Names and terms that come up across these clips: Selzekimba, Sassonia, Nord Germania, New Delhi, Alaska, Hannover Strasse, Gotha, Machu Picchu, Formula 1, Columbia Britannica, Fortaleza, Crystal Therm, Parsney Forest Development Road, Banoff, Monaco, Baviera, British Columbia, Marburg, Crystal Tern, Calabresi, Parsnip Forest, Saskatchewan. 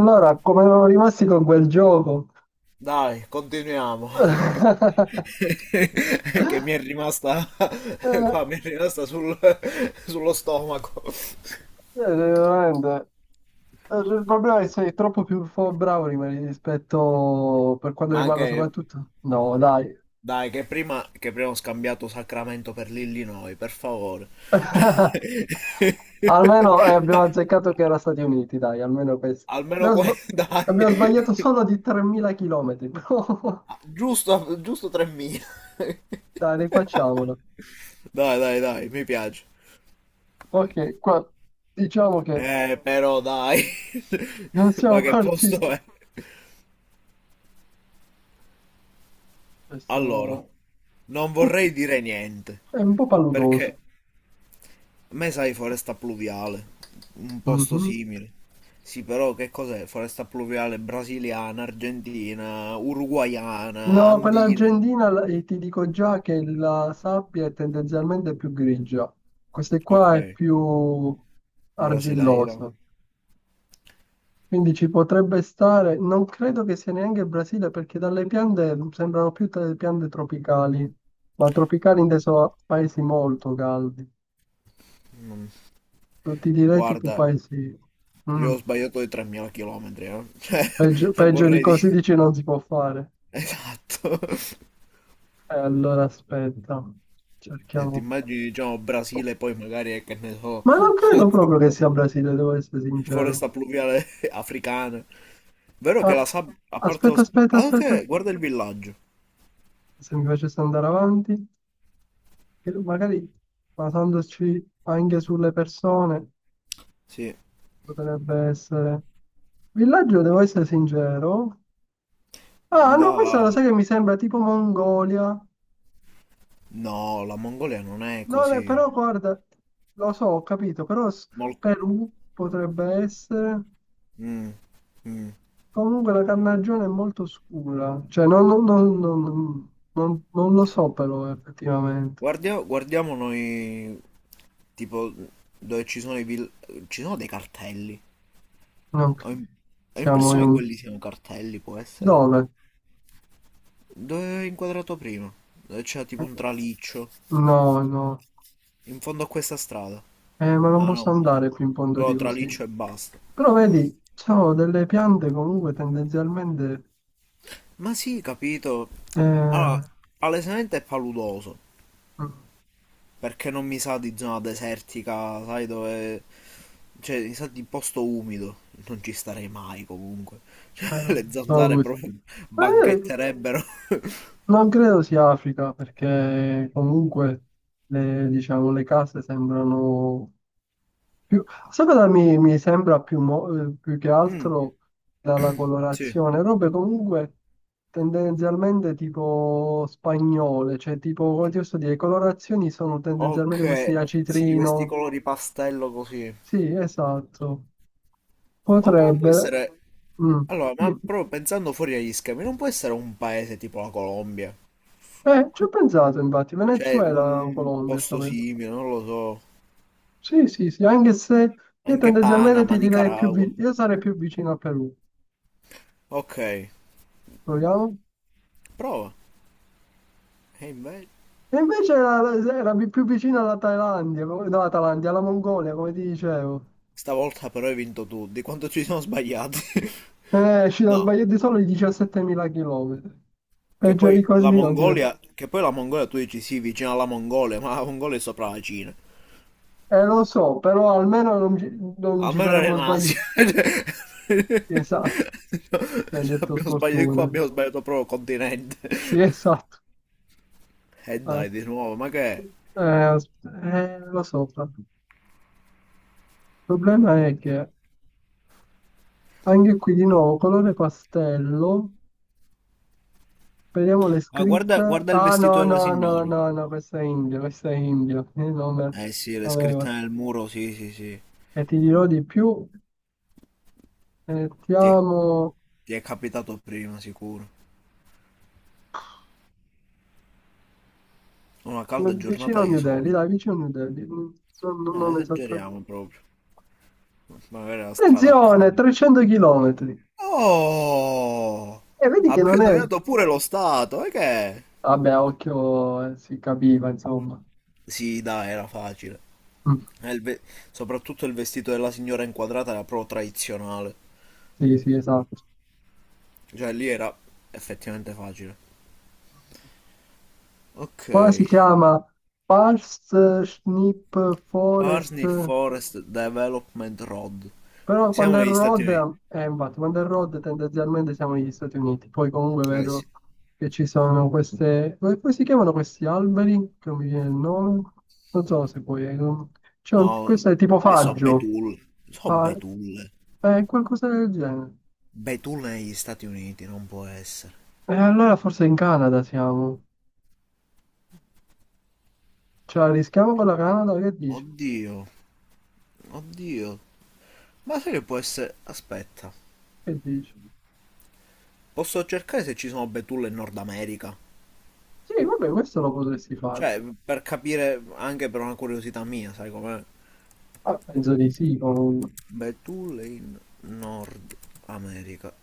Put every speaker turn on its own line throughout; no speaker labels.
Allora, come erano rimasti con quel gioco?
Dai, continuiamo. Che mi è rimasta
Eh,
qua, mi è rimasta sullo stomaco.
eh, veramente. Il problema è che sei troppo più bravo rimani rispetto per quanto
Ma
riguarda
anche,
soprattutto. No, dai.
dai, che prima ho scambiato Sacramento per l'Illinois, per favore.
Almeno abbiamo azzeccato che era Stati Uniti, dai, almeno questo.
Almeno
Abbiamo,
qua,
sba-
dai.
abbiamo sbagliato solo di 3.000 km, però
Giusto, giusto 3.000.
dai, rifacciamolo.
Dai, dai, dai, mi piace.
Ok, qua diciamo che
Però dai.
non
Ma
siamo
che posto
partiti.
è? Allora,
Questo
non
uh,
vorrei dire niente,
è un po'
perché
paludoso.
a me sai foresta pluviale, un posto
Mhm.
simile. Sì, però che cos'è? Foresta pluviale brasiliana, argentina, uruguaiana,
No, quella
andina.
argentina ti dico già che la sabbia è tendenzialmente più grigia, questa
Ok,
qua è più
brasileira.
argillosa, quindi ci potrebbe stare, non credo che sia neanche il Brasile perché dalle piante sembrano più delle piante tropicali, ma tropicali inteso a paesi molto caldi.
Mm,
Non ti direi tipo
guarda,
paesi... Mm.
io ho sbagliato di 3000 km, eh. Cioè,
Peggio,
non
peggio di
vorrei dire...
così dici non si può fare.
Esatto.
Allora aspetta,
E ti
cerchiamo.
immagini, diciamo, Brasile, poi magari, che ne so...
Ma non credo proprio che sia Brasile, devo essere
foresta
sincero.
pluviale africana. Vero che
Ah,
la sabbia, a parte lo
aspetta, aspetta,
ah,
aspetta.
ok, guarda il villaggio.
Se mi facesse andare avanti, che magari basandoci anche sulle persone,
Sì,
potrebbe essere... Villaggio, devo essere sincero. Ah, no, questa lo
da...
sai che mi sembra tipo Mongolia.
No, la Mongolia non è
Non è,
così.
però guarda, lo so, ho capito, però
Mol-
Perù potrebbe essere.
Mm, mm.
Comunque la carnagione è molto scura, cioè non lo so però effettivamente.
Guardiamo noi, tipo, dove ci sono i ci sono dei cartelli.
Non
Ho, im-
credo.
ho
Siamo in
l'impressione che
un...
quelli siano cartelli, può essere.
Dove?
Dove ho inquadrato prima? Dove c'era tipo un traliccio.
No, no.
In fondo a questa strada.
Ma non
Ah
posso
no, sì.
andare più in fondo di
Però traliccio e
così.
basta.
Però vedi, sono delle piante comunque tendenzialmente...
Ma sì, capito. Allora,
Eh,
palesemente è paludoso,
eh,
perché non mi sa di zona desertica, sai dove... Cioè, mi sa di posto umido, non ci starei mai comunque. Cioè,
non
le
so
zanzare
questi.
proprio
Eh,
banchetterebbero.
non credo sia Africa perché comunque le, diciamo, le case sembrano Più- sai cosa mi sembra più, più che
Mm,
altro dalla
sì.
colorazione? Robe comunque tendenzialmente tipo spagnole, cioè tipo, come ti posso dire, le colorazioni sono tendenzialmente
Ok,
questi a
sì, questi
citrino.
colori pastello così.
Sì, esatto.
Ma poi può
Potrebbe...
essere...
mm,
Allora, ma
sì.
proprio pensando fuori agli schemi, non può essere un paese tipo la Colombia?
Ci ho pensato infatti,
Cioè,
Venezuela o
un
Colombia, sta
posto
per-
simile, non lo so.
Sì, sì, sì, anche se io
Anche
tendenzialmente
Panama,
ti direi più...
Nicaragua.
vi- Io sarei più vicino al Perù.
Ok,
Proviamo?
prova. E invece...
E invece era più vicino alla Thailandia, no, alla Thailandia, alla Mongolia, come ti dicevo.
Stavolta però hai vinto tu, di quanto ci siamo sbagliati.
Ci sono
No,
sbagliati solo i 17.000 chilometri.
che
Peggio di
poi la
così non si vede.
Mongolia, che poi la Mongolia tu dici sì, vicino alla Mongolia, ma la Mongolia è sopra la Cina.
Lo so, però almeno non ci
Almeno era
saremmo
in
sbagliati.
Asia.
Esatto,
No,
ci hanno detto
abbiamo sbagliato qua,
sfortuna.
abbiamo sbagliato proprio continente.
Sì, esatto.
E
Ah.
dai, di nuovo, ma che è?
Eh, as- lo so, il problema è che anche qui di nuovo colore pastello. Vediamo le
Ma guarda,
scritte.
guarda il
Ah,
vestito
no,
della
no, no,
signora.
no, no, questo è Indio, questo è Indio. Io non
Eh sì, le scritte
avevo.
nel muro, sì, sì, sì.
E ti dirò di più.
Ti è,
Mettiamo
ti è capitato prima, sicuro. Una calda giornata
vicino a
di
New Delhi,
sole.
dai, vicino a New Delhi. Non, non-
No,
non esattamente.
esageriamo proprio. Magari la strada
Attenzione,
accanto.
300 chilometri.
Oh!
E vedi che
Abbiamo
non è...
indovinato pure lo stato, e che? È?
Vabbè, a occhio, si capiva, insomma.
Sì, dai, era facile.
Mm,
Eh, il ve- Soprattutto il vestito della signora inquadrata era proprio tradizionale.
sì, sì, esatto.
Cioè, lì era effettivamente facile. Ok.
Qua si chiama Parsnip Forest.
Parsney Forest Development Road.
Però
Siamo
quando è
negli Stati
road,
Uniti.
infatti, quando è road tendenzialmente siamo negli Stati Uniti, poi comunque
Eh sì.
vedo che ci sono queste, come si chiamano questi alberi? Che non mi viene il nome, non so se poi, c'è
No,
questo è tipo
ma so
faggio,
betulle. So
fa-
betulle.
qualcosa del genere.
Beh, tu negli Stati Uniti non può essere.
E allora forse in Canada siamo, ce la rischiamo con la Canada, che dici?
Oddio, oddio. Ma sai che può essere... Aspetta,
Che dici?
posso cercare se ci sono betulle in Nord America?
Sì, vabbè, questo lo potresti fare.
Cioè, per capire, anche per una curiosità mia, sai com'è?
Ah, penso di sì, comunque.
Betulle in Nord America.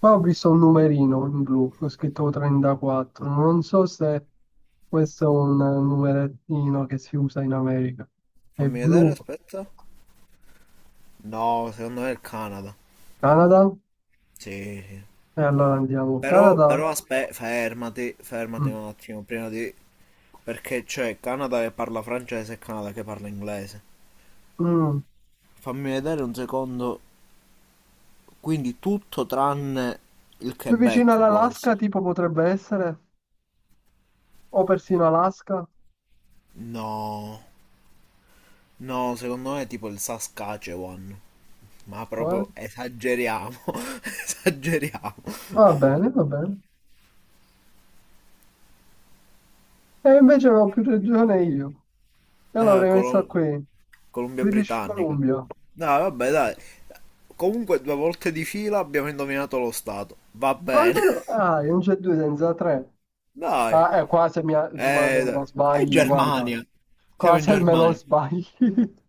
Qua ho visto un numerino in blu, ho scritto 34, non so se questo è un numerettino che si usa in America. È
Fammi vedere,
blu,
aspetta. No, secondo me è il Canada.
Canada,
Sì, sì.
e allora andiamo,
Però,
Canada.
però aspetta, fermati, fermati
Mm.
un attimo, prima di... Perché c'è Canada che parla francese e Canada che parla inglese.
Mm.
Fammi vedere un secondo. Quindi tutto tranne il
Più vicino
Quebec può
all'Alaska
essere.
tipo potrebbe essere, o persino Alaska,
No, no, secondo me è tipo il Saskatchewan. Ma
eh?
proprio esageriamo, esageriamo.
Va bene, va bene. E invece avevo più regione io, e
Eh,
allora ho messo
Colo-
qui,
Columbia
British
Britannica.
Columbia,
No, vabbè, dai. Comunque due volte di fila abbiamo indovinato lo stato. Va bene.
almeno, ah, non c'è due senza tre.
Dai.
Ah, qua se me
Dai.
lo
È
sbagli, guarda,
Germania.
qua
Siamo in
se me lo
Germania.
sbagli.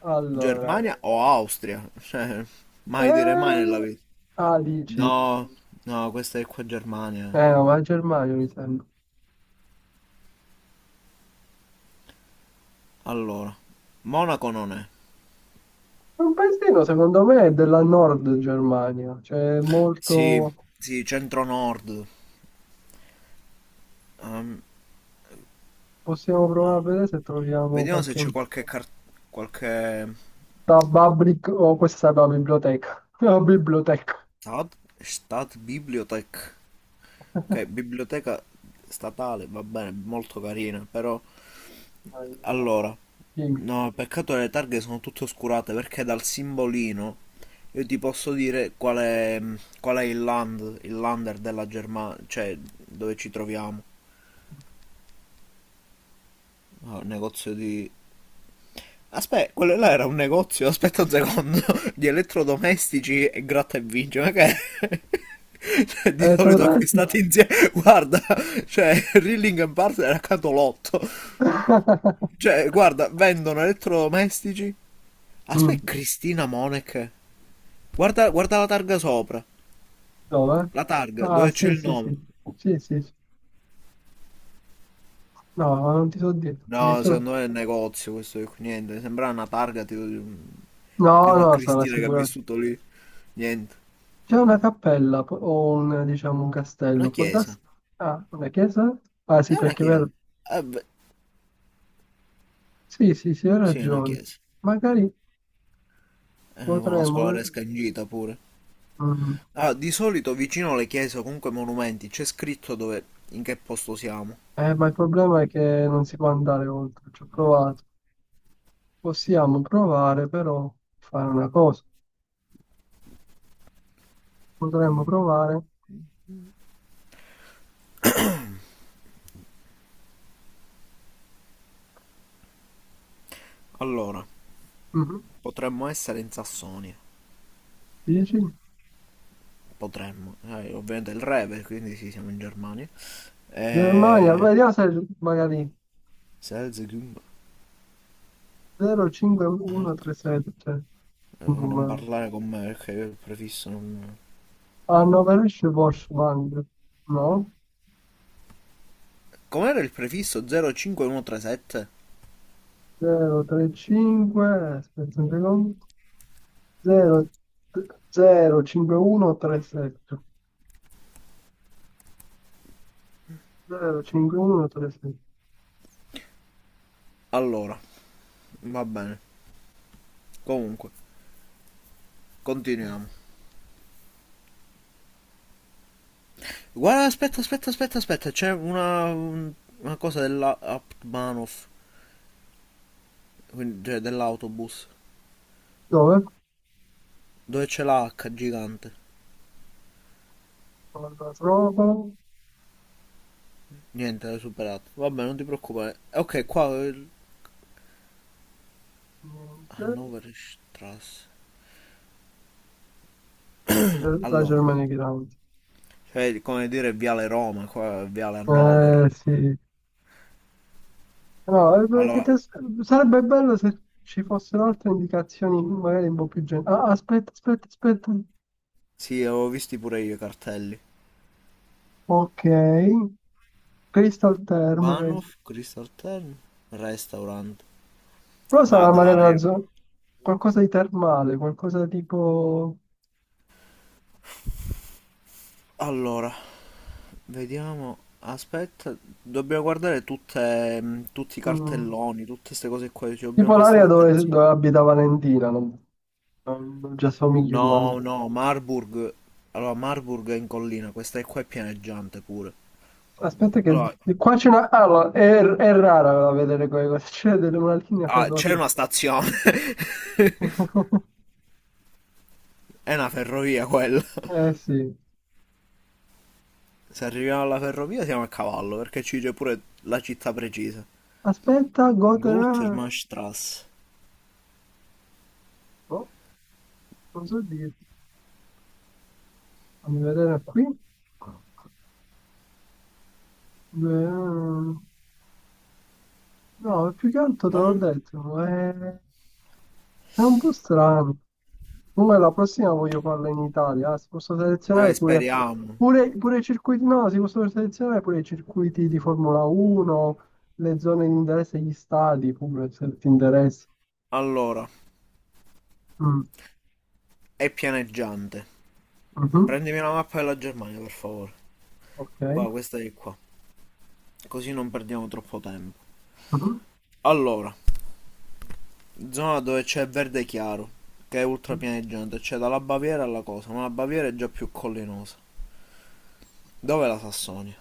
Allora,
Germania o Austria? Cioè, mai dire mai nella
eh,
vita.
ah, dici,
No, no, questa è qua Germania.
no, ma è Germania mi sembra.
Allora, Monaco non è.
È un paesino, secondo me, è della Nord Germania, cioè è
Sì,
molto...
sì, centro-nord. Ehm,
Possiamo provare a vedere se troviamo
vediamo se
qualche...
c'è qualche qualche
Da Babrik, oh, questa è la biblioteca, la biblioteca.
stat, stat bibliothek. Ok, biblioteca statale, va bene, molto carina, però
Dai,
allora,
dimmi.
no, peccato che le targhe sono tutte oscurate perché dal simbolino io ti posso dire qual è, mm, qual è il land, il lander della Germania, cioè dove ci troviamo. Ah, un negozio di... Aspetta, quello là era un negozio, aspetta un secondo, di elettrodomestici e gratta e vince, ma che... è? Cioè, di
Te lo
solito
dai?
acquistati insieme, guarda, cioè Rilling and Partner era accanto l'otto. Cioè, guarda, vendono elettrodomestici.
Mm,
Aspetta, Cristina Monek. Guarda, guarda la targa sopra.
dove?
La targa,
Ah,
dove c'è
sì,
il
sì,
nome.
sì. Sì, sì, sì. No, ma non ti so dire.
No, secondo me è il negozio questo qui. Niente, sembra una targa tipo di, un-
No,
di
no,
una
no, sarà
Cristina che ha
sicuramente.
vissuto lì. Niente.
C'è una cappella o un, diciamo, un
Una
castello. Può darsi...
chiesa.
Ah, una chiesa? Ah, sì,
È una
perché è
chiesa.
vero.
Eh beh,
Sì, sì, sì, hai
sì, è una
ragione.
chiesa.
Magari
Con una
potremmo
scolaresca in gita pure.
mm.
Ah, di solito vicino alle chiese o comunque ai monumenti c'è scritto dove, in che posto siamo.
Ma il problema è che non si può andare oltre. Ci ho provato. Possiamo provare, però, fare una cosa. Potremmo
Mm.
provare...
Allora,
Mhm.
potremmo essere in Sassonia.
Dici?
Potremmo. Ovviamente il re, per- quindi sì, siamo in Germania.
Germania,
Eh,
vediamo se magari
Selzekimba.
05137, cioè un
Non
numero.
parlare con me perché io il prefisso non...
Hanno Veloce Washband, no?
Com'era il prefisso 05137?
035, aspetta, un secondo, 0, 05137, 05137.
Allora, va bene. Comunque, continuiamo. Guarda, aspetta, aspetta, aspetta, aspetta. C'è una, un- una cosa dell'Aptmanov, cioè dell'autobus,
Dove?
dove c'è la H gigante.
Non la trovo,
Niente, l'hai superato. Vabbè, non ti preoccupare. Ok, qua...
niente,
Hannover Strasse.
la
Allora,
Germania Grande.
cioè, come dire Viale Roma, qua è Viale Hannover.
Eh sì, no, perché
Allora,
sarebbe bello se ci fossero altre indicazioni, magari un po' più generali. Ah, aspetta, aspetta, aspetta.
sì, avevo visti pure io i cartelli.
Ok, Crystal Therm.
Banoff, Crystal Tern, Restaurant.
Però
Ma
sarà magari una
dai.
zona. Qualcosa di termale, qualcosa tipo,
Allora, vediamo. Aspetta, dobbiamo guardare tutte, tutti i
mm,
cartelloni, tutte queste cose qua, ci dobbiamo
tipo
prestare
l'area dove,
attenzione.
dove abita Valentina, non ci assomiglio
No,
immagino.
no, Marburg. Allora, Marburg è in collina, questa è qua è pianeggiante pure.
Aspetta che
Allora,
qua c'è una... Ah, no, è rara da vedere quelle cose, c'è una linea
ah, c'è
ferroviaria.
una stazione, è una ferrovia quella.
Eh sì.
Se arriviamo alla ferrovia siamo a cavallo, perché ci dice pure la città precisa.
Aspetta,
Gol per
Gotha...
Mastras.
Oh, non so dirti. Fammi vedere qui. No, più che altro te
Ma
l'ho
non...
detto, è un po' strano. Comunque la prossima voglio farla in Italia, eh. Si possono selezionare pure,
Speriamo.
pure, pure i circuiti, no, si possono selezionare pure i circuiti di Formula 1, le zone di interesse, gli stadi pure, se ti interessa.
Allora,
Mm,
è pianeggiante.
mhm,
Prendimi la mappa della Germania, per favore.
ok.
Qua, questa è qua. Così non perdiamo troppo tempo.
Mhm.
Allora, zona dove c'è verde chiaro, che è ultra pianeggiante. C'è cioè dalla Baviera alla cosa, ma la Baviera è già più collinosa. Dov'è la Sassonia?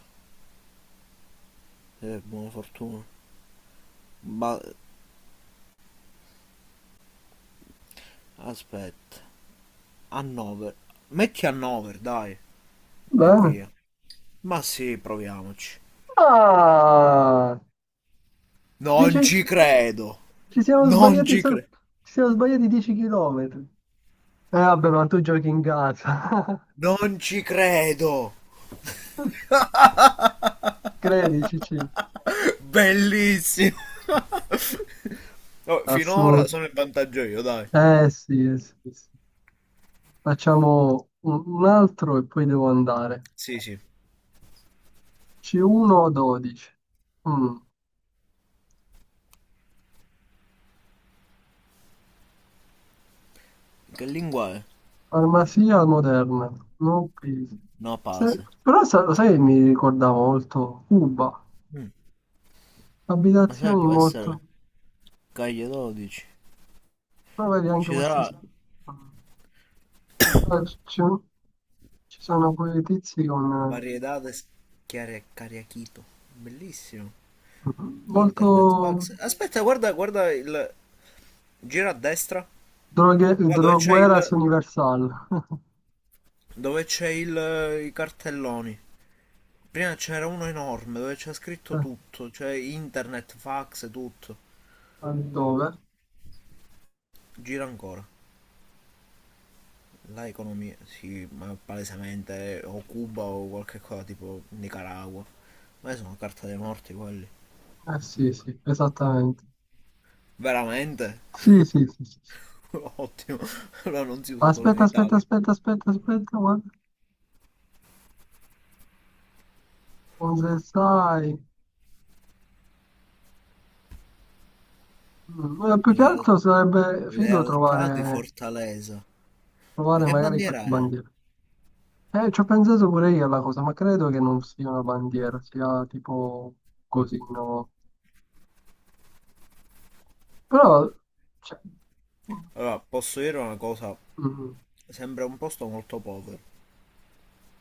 Buona fortuna. Ba- Aspetta. Hannover. Metti Hannover, dai. E
Bene.
via. Ma sì, proviamoci.
Ah,
Non
dieci-
ci credo. Non ci credo.
ci siamo sbagliati 10 km. Eh vabbè, ma tu giochi in casa.
Non ci credo.
Credici,
Bellissimo. Oh, finora
assurdo.
sono in vantaggio io, dai.
Eh sì, sì. Sì. Facciamo un altro e poi devo andare.
Sì, sì.
C1 o 12? Mm.
Che lingua è?
Farmacia moderna. No, please.
No,
Se-
pase.
lo sai che mi ricordava molto Cuba.
Ma sai,
Abitazioni
può
molto...
essere Caglie 12.
Però vedi anche
Ci
questi
sarà
sì. Mm. Ah, Ci sono quei tizi con...
variedades chiare cariachito. Bellissimo.
eh,
Internet,
Molto...
fax. Aspetta, guarda, guarda il... Gira a destra.
Droghe,
Qua dove c'è
drogueras
il...
universal.
Dove c'è il... I cartelloni. Prima c'era uno enorme dove c'è scritto tutto, cioè internet, fax, tutto.
Dove?
Gira ancora. La economia, sì, ma palesemente o Cuba o qualche cosa tipo Nicaragua. Ma sono carta dei morti quelli.
Eh sì, sì, esattamente.
Veramente?
Sì, sì, sì, sì. Sì.
Ottimo. Allora non si usa solo in
Aspetta, aspetta,
Italia.
aspetta, aspetta, aspetta, guarda. Cosa sai? Mm, più che
Leal-
altro sarebbe figo
lealtà di
trovare,
Fortaleza. Ma
trovare
che
magari qualche
bandiera è?
bandiera. Ci ho pensato pure io alla cosa, ma credo che non sia una bandiera, sia tipo così, no? Però, cioè,
Allora, posso dire una cosa,
mm,
sembra un posto molto povero.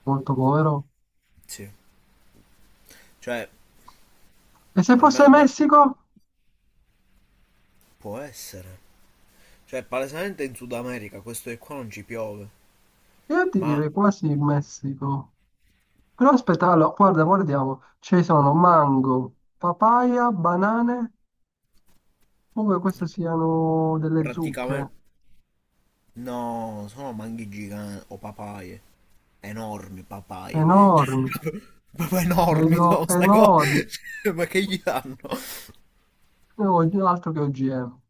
molto povero.
Sì. Cioè,
E se fosse
almeno da...
Messico?
Può essere. Cioè, palesemente in Sud America questo che qua non ci piove,
Io ti
ma
direi quasi Messico. Però aspetta, allora, guarda, guardiamo. Ci sono mango, papaya, banane. Come queste siano delle zucche
praticamente... No, sono manghi giganti o papaie, enormi papaie. Cioè,
enormi,
proprio enormi sono
credo
queste
enormi,
cose, cioè, ma che gli danno?
altro che OGM.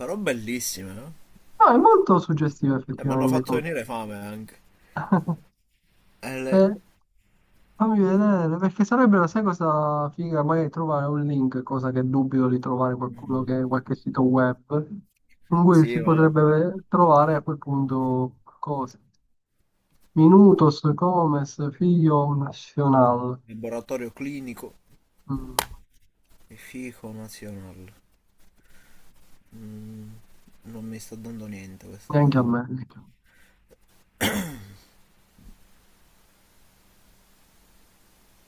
Però bellissime, no?
No, è molto suggestivo
Mi hanno
effettivamente.
fatto venire fame anche. E le-
Eh, fammi vedere, perché sarebbero, sai cosa figa, magari trovare un link, cosa che dubito di trovare qualcuno
Mm.
che qualche sito web, in cui
Sì,
si
ma...
potrebbe trovare a quel punto cose. Minutos, comes, figlio nazionale.
Laboratorio clinico
Mm,
e fico nazionale. Mm, non mi sta dando niente questa
neanche a
cosa.
me.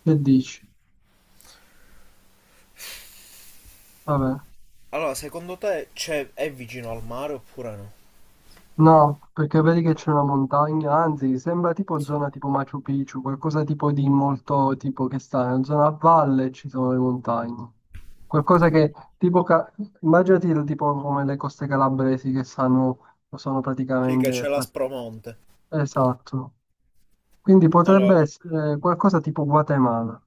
Che dici? Vabbè.
Allora, secondo te c'è, è vicino al mare oppure no?
No, perché vedi che c'è una montagna, anzi, sembra tipo
Sì.
zona tipo Machu Picchu, qualcosa tipo di molto tipo che sta in una zona a valle e ci sono le montagne. Qualcosa che tipo, immaginati il tipo come le coste calabresi che stanno, sono
Sì, che c'è
praticamente...
la
eh,
Spromonte.
Esatto. Quindi potrebbe
Allora,
essere qualcosa tipo Guatemala.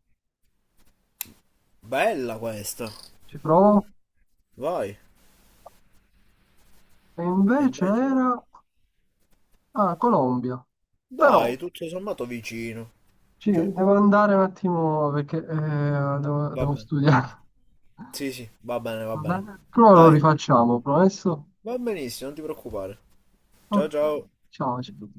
bella questa.
Ci provo.
Vai.
E
E
invece
invece? Eh?
era... Ah, Colombia. Però
Dai, tutto sommato vicino.
ci
Cioè,
devo andare un attimo perché devo
va
devo
bene.
studiare.
Sì, sì, va bene, va bene.
Vabbè, prova lo
Dai,
rifacciamo, promesso?
va benissimo, non ti preoccupare. Ciao,
Ok,
ciao.
ciao. Ciao.